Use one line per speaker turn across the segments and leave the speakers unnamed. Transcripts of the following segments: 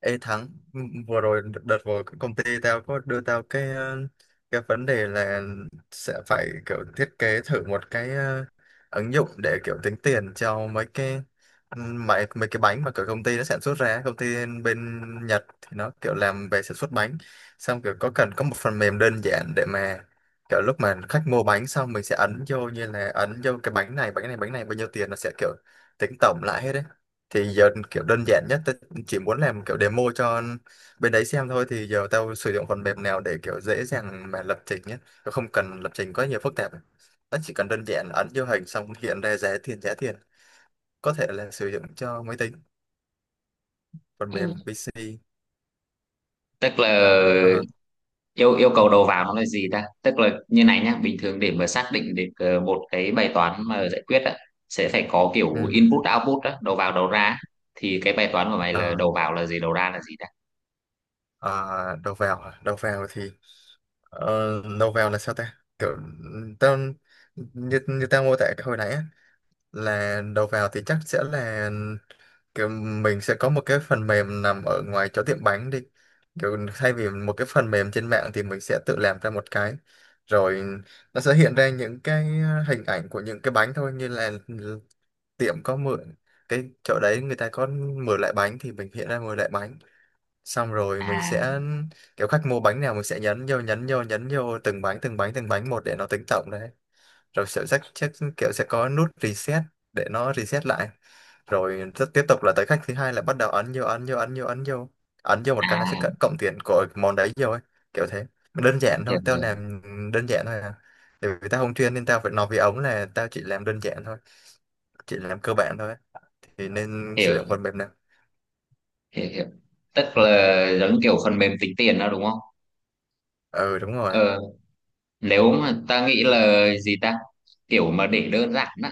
Ê Thắng, Ừ, vừa rồi đợt đợt vừa cái công ty tao có đưa tao cái cái vấn đề là sẽ phải kiểu thiết kế thử một cái ứng dụng để kiểu tính tiền cho mấy cái ừ, mấy mấy cái bánh mà kiểu công ty nó sản xuất ra, công ty bên Nhật thì nó kiểu làm về sản xuất bánh, xong kiểu có cần có một phần mềm đơn giản để mà kiểu lúc mà khách mua bánh xong mình sẽ ấn vô như là ấn vô cái bánh này, bánh này, bánh này bao nhiêu tiền nó sẽ kiểu tính tổng lại hết đấy. Thì giờ kiểu đơn giản nhất chỉ muốn làm kiểu demo cho bên đấy xem thôi, thì giờ tao sử dụng phần mềm nào để kiểu dễ dàng mà lập trình nhé. Tao không cần lập trình quá nhiều phức tạp, nó chỉ cần đơn giản ấn vô hình xong hiện ra giá tiền giá tiền, có thể là sử dụng cho máy tính, phần
Ừ.
mềm PC.
Tức là
Ờ,
yêu yêu cầu đầu vào nó là gì ta. Tức là như này nhá, bình thường để mà xác định được một cái bài toán mà giải quyết á, sẽ phải có kiểu input
ừm,
output á, đầu vào đầu ra á. Thì cái bài toán của mày là
ờ,
đầu vào là gì, đầu ra là gì ta?
ờ, đầu vào à? Đầu vào thì ờ, đầu vào là sao ta, kiểu tao như như tao mô tả hồi nãy á, là đầu vào thì chắc sẽ là kiểu mình sẽ có một cái phần mềm nằm ở ngoài chỗ tiệm bánh đi, kiểu thay vì một cái phần mềm trên mạng thì mình sẽ tự làm ra một cái. Rồi nó sẽ hiện ra những cái hình ảnh của những cái bánh thôi, như là tiệm có mượn cái chỗ đấy, người ta có mượn lại bánh thì mình hiện ra mượn lại bánh. Xong rồi mình
À,
sẽ kiểu khách mua bánh nào mình sẽ nhấn vô nhấn vô từng bánh từng bánh từng bánh một để nó tính tổng đấy. Rồi sẽ chắc chắc kiểu sẽ có nút reset để nó reset lại, rồi rất tiếp tục là tới khách thứ hai là bắt đầu ấn vô ấn vô một cái là sẽ
à,
cộng tiền của món đấy vô ấy. Kiểu thế, đơn giản
hiểu
thôi tao
hiểu
làm đơn giản thôi à, tại vì tao không chuyên nên tao phải nói với ống là tao chỉ làm đơn giản thôi, chỉ làm cơ bản thôi ấy. Thì nên sử
hiểu
dụng phần mềm nào?
hiểu, hiểu. Tức là giống kiểu phần mềm tính tiền đó đúng không?
Ừ, đúng rồi.
ờ Nếu mà ta nghĩ là gì ta, kiểu mà để đơn giản á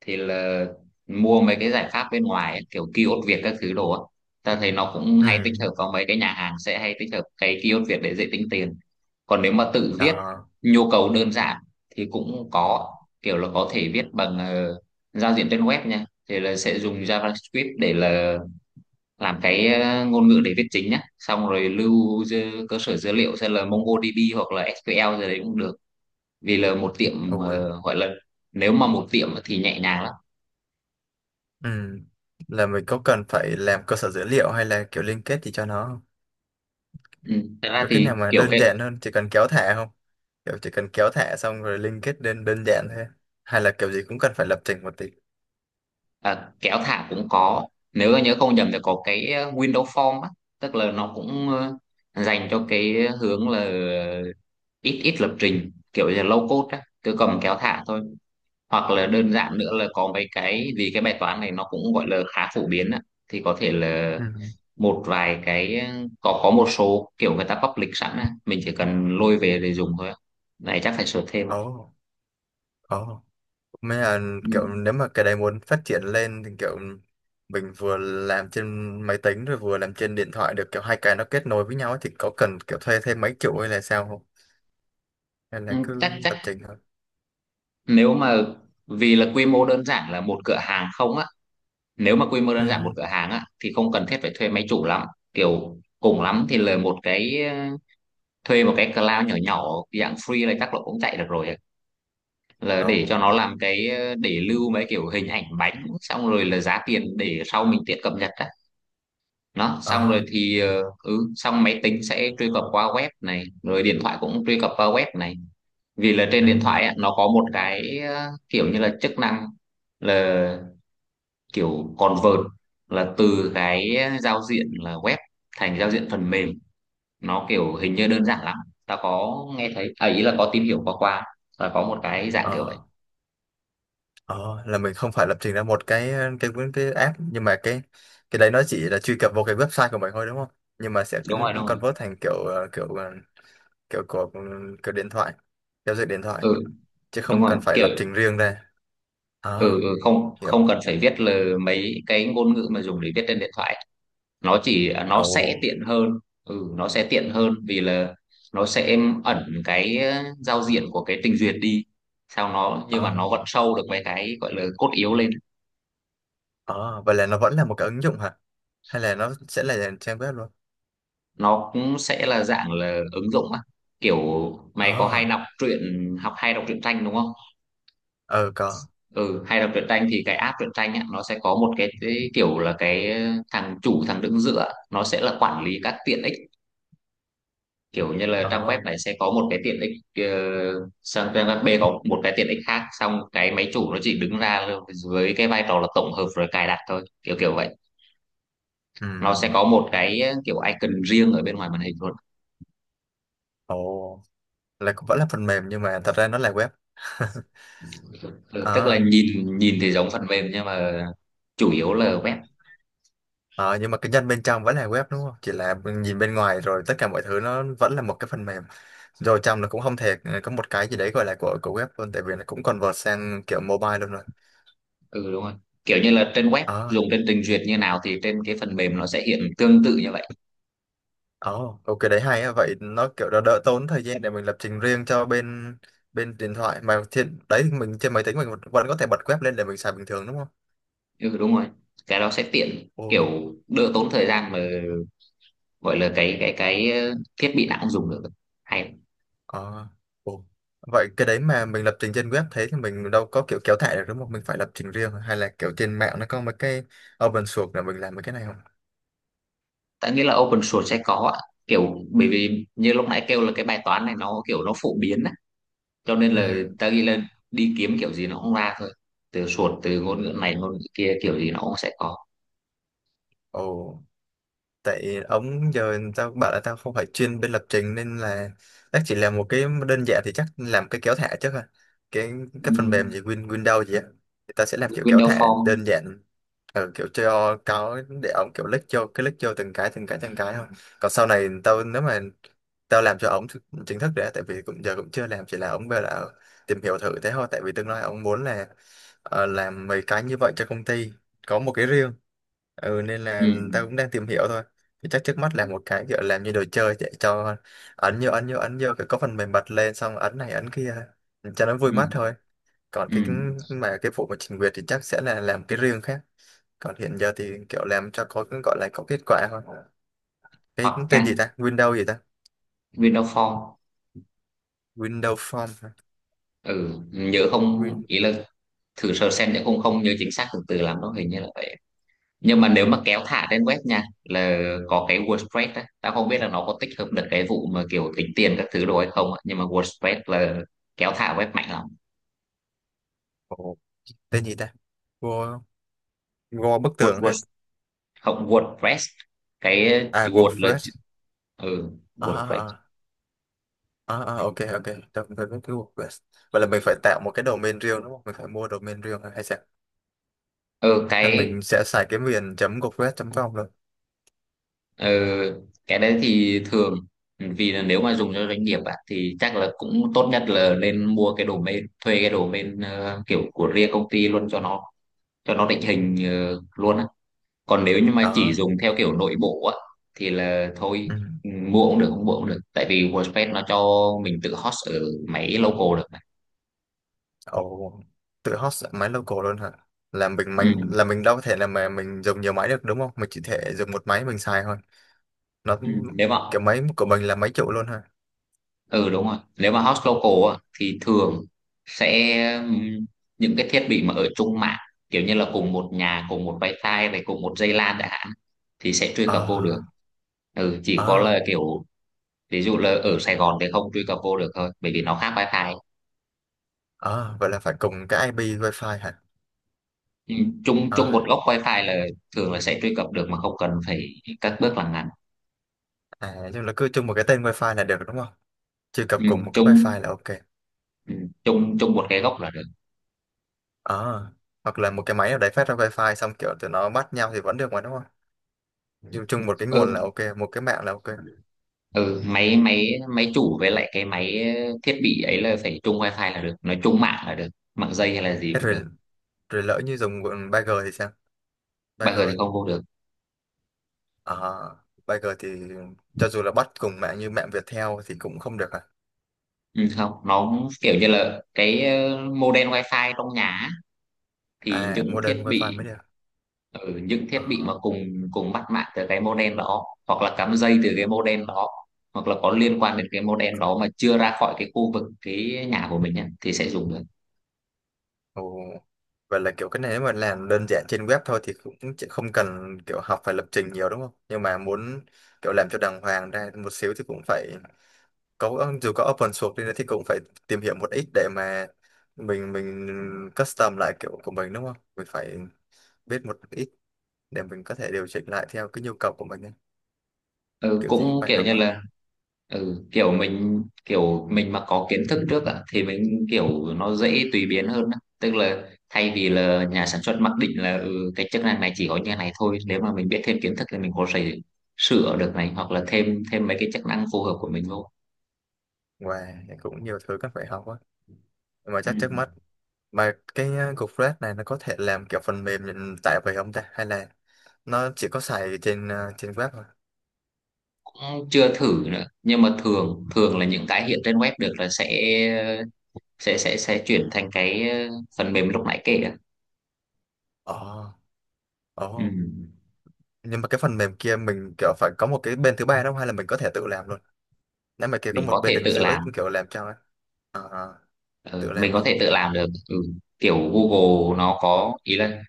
thì là mua mấy cái giải pháp bên ngoài ấy, kiểu kiosk Việt các thứ đồ á. Ta thấy nó cũng
Ừ,
hay tích hợp vào mấy cái nhà hàng, sẽ hay tích hợp cái kiosk Việt để dễ tính tiền. Còn nếu mà tự viết
đó.
nhu cầu đơn giản thì cũng có, kiểu là có thể viết bằng giao diện trên web nha, thì là sẽ dùng JavaScript để là làm cái ngôn ngữ để viết chính nhá, xong rồi lưu cơ sở dữ liệu sẽ là MongoDB hoặc là SQL gì đấy cũng được. Vì là một
Ừ.
tiệm gọi là, nếu mà một tiệm thì nhẹ nhàng lắm.
Ừ, là mình có cần phải làm cơ sở dữ liệu hay là kiểu liên kết gì cho nó không?
Ừ. Thật ra
Có cái
thì
nào mà
kiểu
đơn
cái
giản hơn chỉ cần kéo thả không? Kiểu chỉ cần kéo thả xong rồi liên kết đơn đơn giản thế, hay là kiểu gì cũng cần phải lập trình một tí.
à, kéo thả cũng có. Nếu mà nhớ không nhầm thì có cái window form á, tức là nó cũng dành cho cái hướng là ít ít lập trình, kiểu như là low code á, cứ cầm kéo thả thôi. Hoặc là đơn giản nữa là có mấy cái, vì cái bài toán này nó cũng gọi là khá phổ biến á, thì có thể là
Ừ.
một vài cái có một số kiểu người ta public sẵn á, mình chỉ cần lôi về để dùng thôi á. Này chắc phải sửa thêm á.
Ồ, ồ. Mấy là kiểu
Ừ.
nếu mà cái đấy muốn phát triển lên thì kiểu mình vừa làm trên máy tính rồi vừa làm trên điện thoại được, kiểu hai cái nó kết nối với nhau ấy, thì có cần kiểu thuê thêm máy chủ hay là sao không? Hay
Ừ,
là cứ
chắc chắc
lập trình thôi.
nếu mà, vì là quy mô đơn giản là một cửa hàng không á, nếu mà quy mô đơn giản một
Ừ.
cửa hàng á thì không cần thiết phải thuê máy chủ lắm, kiểu cùng lắm thì là một cái thuê một cái cloud nhỏ nhỏ dạng free này chắc là cũng chạy được rồi ấy. Là để cho
Ồ.
nó làm cái để lưu mấy kiểu hình ảnh bánh xong rồi là giá tiền, để sau mình tiện cập nhật á. Nó xong rồi
Ờ.
thì ừ xong máy tính sẽ truy cập qua web này rồi điện thoại cũng truy cập qua web này. Vì là trên điện
Ừ.
thoại á, nó có một cái kiểu như là chức năng là kiểu convert, là từ cái giao diện là web thành giao diện phần mềm. Nó kiểu hình như đơn giản lắm. Ta có nghe thấy, à, ý là có tìm hiểu qua qua, là có một cái dạng kiểu vậy.
Ờ. Ờ, là mình không phải lập trình ra một cái cái app, nhưng mà cái đấy nó chỉ là truy cập vào cái website của mình thôi đúng không? Nhưng mà sẽ
Đúng rồi đúng rồi.
convert thành kiểu kiểu kiểu của kiểu điện thoại, giao diện điện thoại,
Ừ
chứ
đúng
không
rồi
cần phải
kiểu,
lập trình riêng ra. À,
ừ, ừ không
hiểu.
không cần phải viết là mấy cái ngôn ngữ mà dùng để viết trên điện thoại. Nó sẽ
Ồ,
tiện hơn. Ừ, nó sẽ tiện hơn vì là nó sẽ ẩn cái giao diện của cái trình duyệt đi. Sao nó, nhưng mà
à,
nó vẫn show được mấy cái gọi là cốt yếu lên.
à, vậy là nó vẫn là một cái ứng dụng hả? Hay là nó sẽ là trang web luôn?
Nó cũng sẽ là dạng là ứng dụng á. Kiểu mày có hay
À,
đọc truyện học hay đọc truyện tranh đúng không?
ờ có.
Ừ, hay đọc truyện tranh thì cái app truyện tranh á, nó sẽ có một cái kiểu là cái thằng đứng giữa, nó sẽ là quản lý các tiện ích. Kiểu như là trang web
Ồ,
này sẽ có một cái tiện ích ờ, sang trang web B có một cái tiện ích khác, xong cái máy chủ nó chỉ đứng ra với cái vai trò là tổng hợp rồi cài đặt thôi, kiểu kiểu vậy. Nó sẽ
ừm,
có một cái kiểu icon riêng ở bên ngoài màn hình luôn.
ồ, là cũng vẫn là phần mềm nhưng mà thật ra nó là web.
Ừ, tức là
À.
nhìn nhìn thì giống phần mềm nhưng mà chủ yếu là web.
Ờ, nhưng mà cái nhân bên trong vẫn là web đúng không? Chỉ là nhìn bên ngoài rồi tất cả mọi thứ nó vẫn là một cái phần mềm. Rồi trong nó cũng không thể có một cái gì đấy gọi là của web luôn, tại vì nó cũng convert sang kiểu mobile luôn rồi.
Ừ đúng rồi, kiểu như là trên web
Ờ,
dùng trên trình duyệt như nào thì trên cái phần mềm nó sẽ hiện tương tự như vậy.
ờ, ok đấy hay á. Vậy nó kiểu đỡ, đỡ tốn thời gian để mình lập trình riêng cho bên bên điện thoại, mà trên đấy mình trên máy tính mình vẫn có thể bật web lên để mình xài bình thường đúng không?
Ừ đúng rồi, cái đó sẽ tiện
Ồ.
kiểu đỡ tốn thời gian mà, gọi là cái thiết bị nào cũng dùng được hay.
À, ồ. Vậy cái đấy mà mình lập trình trên web thế thì mình đâu có kiểu kéo thả được đúng không? Mình phải lập trình riêng hay là kiểu trên mạng nó có mấy cái open source là mình làm mấy cái này không?
Tại nghĩa là open source sẽ có ạ. Kiểu bởi vì như lúc nãy kêu là cái bài toán này nó kiểu nó phổ biến á, cho nên là
Ừ.
ta ghi lên đi kiếm kiểu gì nó cũng ra thôi, từ source từ ngôn ngữ này ngôn ngữ kia kiểu gì nó cũng sẽ có.
Ồ. Tại ống giờ tao bảo là tao không phải chuyên bên lập trình nên là chắc chỉ làm một cái đơn giản, thì chắc làm cái kéo thả trước thôi, cái
Ừ.
cái phần mềm gì Win Windows gì á, thì ta sẽ làm kiểu kéo
Windows
thả
Phone.
đơn giản, ở kiểu cho có để ống kiểu lách vô cái lách vô từng cái từng cái từng cái thôi. Còn sau này tao nếu mà tao làm cho ống chính thức đấy, tại vì cũng giờ cũng chưa làm, chỉ là ống về là tìm hiểu thử thế thôi, tại vì tương lai ống muốn là làm mấy cái như vậy cho công ty, có một cái riêng. Ừ, nên
Ừ.
là tao cũng đang tìm hiểu thôi. Thì chắc trước mắt là một cái kiểu làm như đồ chơi, để cho ấn vô ấn vô ấn vô cái có phần mềm bật lên xong ấn này ấn kia cho nó vui
Ừ.
mắt thôi. Còn
Ừ.
mà cái vụ mà trình duyệt thì chắc sẽ là làm cái riêng khác, còn hiện giờ thì kiểu làm cho có gọi là có kết quả thôi. Cái
Hoặc
tên
nha,
gì ta, Windows gì ta,
Windows Phone.
Windows Form hả?
Ừ. Nhớ không
Win.
ý là thử sơ xem, nhớ không, không nhớ chính xác từ từ lắm đó, hình như là vậy. Nhưng mà nếu mà kéo thả trên web nha là có cái WordPress á. Tao không biết là nó có tích hợp được cái vụ mà kiểu tính tiền các thứ đồ hay không á, nhưng mà WordPress là kéo thả web mạnh lắm.
Ồ, tên gì ta, Go, Go bức
Word,
tường
Word,
hả?
không WordPress, cái
À,
Word là,
WordPress,
ừ,
à
WordPress.
à à, à à, ok ok, tôi biết cái WordPress. Vậy là mình phải tạo một cái domain riêng đúng không? Mình phải mua domain riêng hay sao?
Ừ,
Là
cái.
mình sẽ xài cái miền chấm gocret.com luôn
Ờ, cái đấy thì thường, ừ, vì là nếu mà dùng cho doanh nghiệp ạ, thì chắc là cũng tốt nhất là nên mua cái domain, thuê cái domain kiểu của riêng công ty luôn, cho nó định hình luôn á. Còn nếu như mà chỉ
đó.
dùng theo kiểu nội bộ á thì là thôi.
Ừ.
Ừ, mua cũng được không mua cũng được, tại vì WordPress nó cho mình tự host ở máy local được mà.
Ồ, tự host máy local luôn hả? Là mình
Ừ,
mình là mình đâu có thể là mà mình dùng nhiều máy được đúng không, mình chỉ thể dùng một máy mình xài thôi, nó
ừ. Nếu mà,
cái máy của mình là máy chủ luôn hả?
ừ đúng rồi, nếu mà host local á, thì thường sẽ ừm, những cái thiết bị mà ở chung mạng, kiểu như là cùng một nhà cùng một wifi này cùng một dây LAN đã hạn, thì sẽ truy
Ờ.
cập vô được. Ừ chỉ có
Ờ.
là kiểu, ví dụ là ở Sài Gòn thì không truy cập vô được thôi bởi vì nó khác wifi.
Ờ, vậy là phải cùng cái IP wifi hả?
Ừ, chung chung một
Ờ.
góc wifi là, thường là sẽ truy cập được mà không cần phải các bước làm ngắn.
À, nhưng là cứ chung một cái tên wifi là được đúng không, truy cập
Ừ,
cùng một cái
chung,
wifi là ok.
ừ, chung chung một cái góc là được.
Ờ, hoặc là một cái máy nào đấy phát ra wifi xong kiểu tụi nó bắt nhau thì vẫn được mà đúng không, dùng chung một cái nguồn
Ừ.
là ok, một cái mạng là ok.
Ừ máy máy máy chủ với lại cái máy thiết bị ấy là phải chung wifi là được, nói chung mạng là được, mạng dây hay là gì
Thế
cũng được.
rồi, rồi lỡ như dùng bọn Bagger thì sao?
Bây
Bagger,
giờ thì không vô được.
à, Bagger thì cho dù là bắt cùng mạng như mạng Viettel thì cũng không được à?
Ừ, không, nó cũng kiểu như là cái modem wifi trong nhà á, thì
À,
những
Modern
thiết
Wi-Fi
bị,
mới được.
những thiết bị mà
À,
cùng cùng bắt mạng từ cái modem đó hoặc là cắm dây từ cái modem đó hoặc là có liên quan đến cái modem đó mà chưa ra khỏi cái khu vực cái nhà của mình nhá, thì sẽ dùng được.
ồ. Vậy là kiểu cái này nếu mà làm đơn giản trên web thôi thì cũng chỉ không cần kiểu học phải lập trình nhiều đúng không? Nhưng mà muốn kiểu làm cho đàng hoàng ra một xíu thì cũng phải có, dù có open source đi nữa thì cũng phải tìm hiểu một ít để mà mình custom lại kiểu của mình đúng không? Mình phải biết một ít để mình có thể điều chỉnh lại theo cái nhu cầu của mình ấy.
Ừ,
Kiểu gì cũng
cũng
phải
kiểu
học
như
hơn,
là, ừ, kiểu mình mà có kiến thức trước ạ thì mình kiểu nó dễ tùy biến hơn á. Tức là thay vì là nhà sản xuất mặc định là cái chức năng này chỉ có như này thôi, nếu mà mình biết thêm kiến thức thì mình có thể sửa được này hoặc là thêm thêm mấy cái chức năng phù hợp của mình vô.
và cũng nhiều thứ cần phải học quá, nhưng mà
Ừ.
chắc trước mắt mà cái cục flash này nó có thể làm kiểu phần mềm nhận tại về không ta, hay là nó chỉ có xài trên trên web thôi.
Cũng chưa thử nữa nhưng mà thường thường là những cái hiện trên web được là sẽ chuyển thành cái phần mềm lúc nãy kể ạ.
Ồ, ồ,
Ừ.
nhưng mà cái phần mềm kia mình kiểu phải có một cái bên thứ ba đâu, hay là mình có thể tự làm luôn, nếu mà kia có
Mình
một
có
bên
thể
đứng
tự
giữa ấy,
làm.
kiểu làm cho ấy. À,
Ờ,
tự
mình
làm
có
luôn.
thể tự làm được ừ. Kiểu Google nó có ý là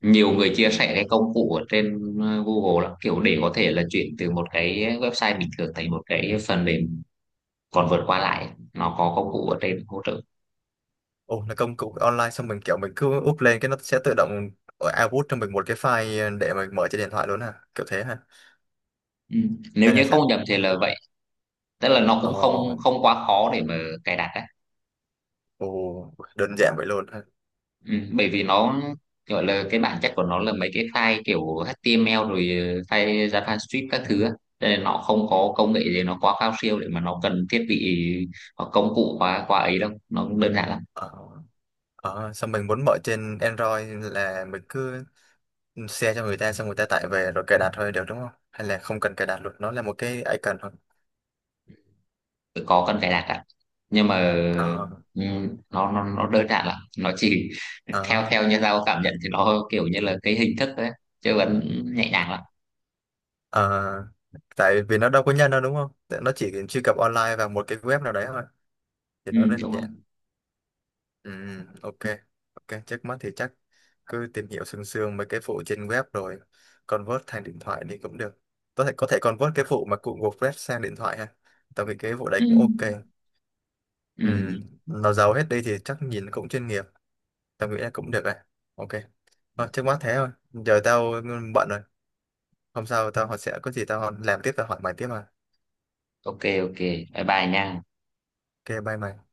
nhiều người chia sẻ cái công cụ ở trên Google lắm, kiểu để có thể là chuyển từ một cái website bình thường thành một cái phần mềm, còn vượt qua lại nó có công cụ ở trên hỗ trợ.
Ồ, là công cụ online xong mình kiểu mình cứ úp lên cái nó sẽ tự động output cho mình một cái file để mình mở trên điện thoại luôn à? Kiểu thế hả?
Ừ. Nếu
Hay là
như không
sao?
nhầm thì là vậy, tức là nó cũng
Ồ,
không không quá khó để mà cài đặt đấy.
ồ, đơn giản vậy luôn ha.
Ừ, bởi vì nó gọi là cái bản chất của nó là mấy cái file kiểu HTML rồi file JavaScript các thứ á. Cho nên nó không có công nghệ gì nó quá cao siêu để mà nó cần thiết bị hoặc công cụ quá quá ấy đâu, nó đơn giản lắm.
Ờ, ờ, xong mình muốn mở trên Android là mình cứ share cho người ta xong người ta tải về rồi cài đặt thôi được đúng không? Hay là không cần cài đặt luôn, nó là một cái icon thôi.
Tự có cần cài đặt ạ nhưng mà
Ờ,
ừ, nó đơn giản lắm, nó chỉ theo
ờ,
theo như tao cảm nhận thì nó kiểu như là cái hình thức đấy chứ vẫn nhẹ nhàng lắm.
ờ, tại vì nó đâu có nhân đâu đúng không? Nó chỉ truy cập online vào một cái web nào đấy thôi, thì
Ừ,
nó đơn
đúng
giản.
không?
Ừ, ok, ok, trước mắt thì chắc cứ tìm hiểu sương sương mấy cái phụ trên web rồi convert thành điện thoại đi cũng được. Có thể convert cái phụ mà cụ WordPress sang điện thoại ha. Tao nghĩ cái vụ đấy
Ừ.
cũng ok.
Ừ.
Ừ, nó giàu hết đi thì chắc nhìn cũng chuyên nghiệp. Tao nghĩ là cũng được rồi. Ok, thôi, trước mắt thế thôi. Giờ tao bận rồi. Hôm sau tao họ sẽ có gì tao làm tiếp tao hỏi mày tiếp mà.
Ok ok bye bye nha.
Ok, bye mày.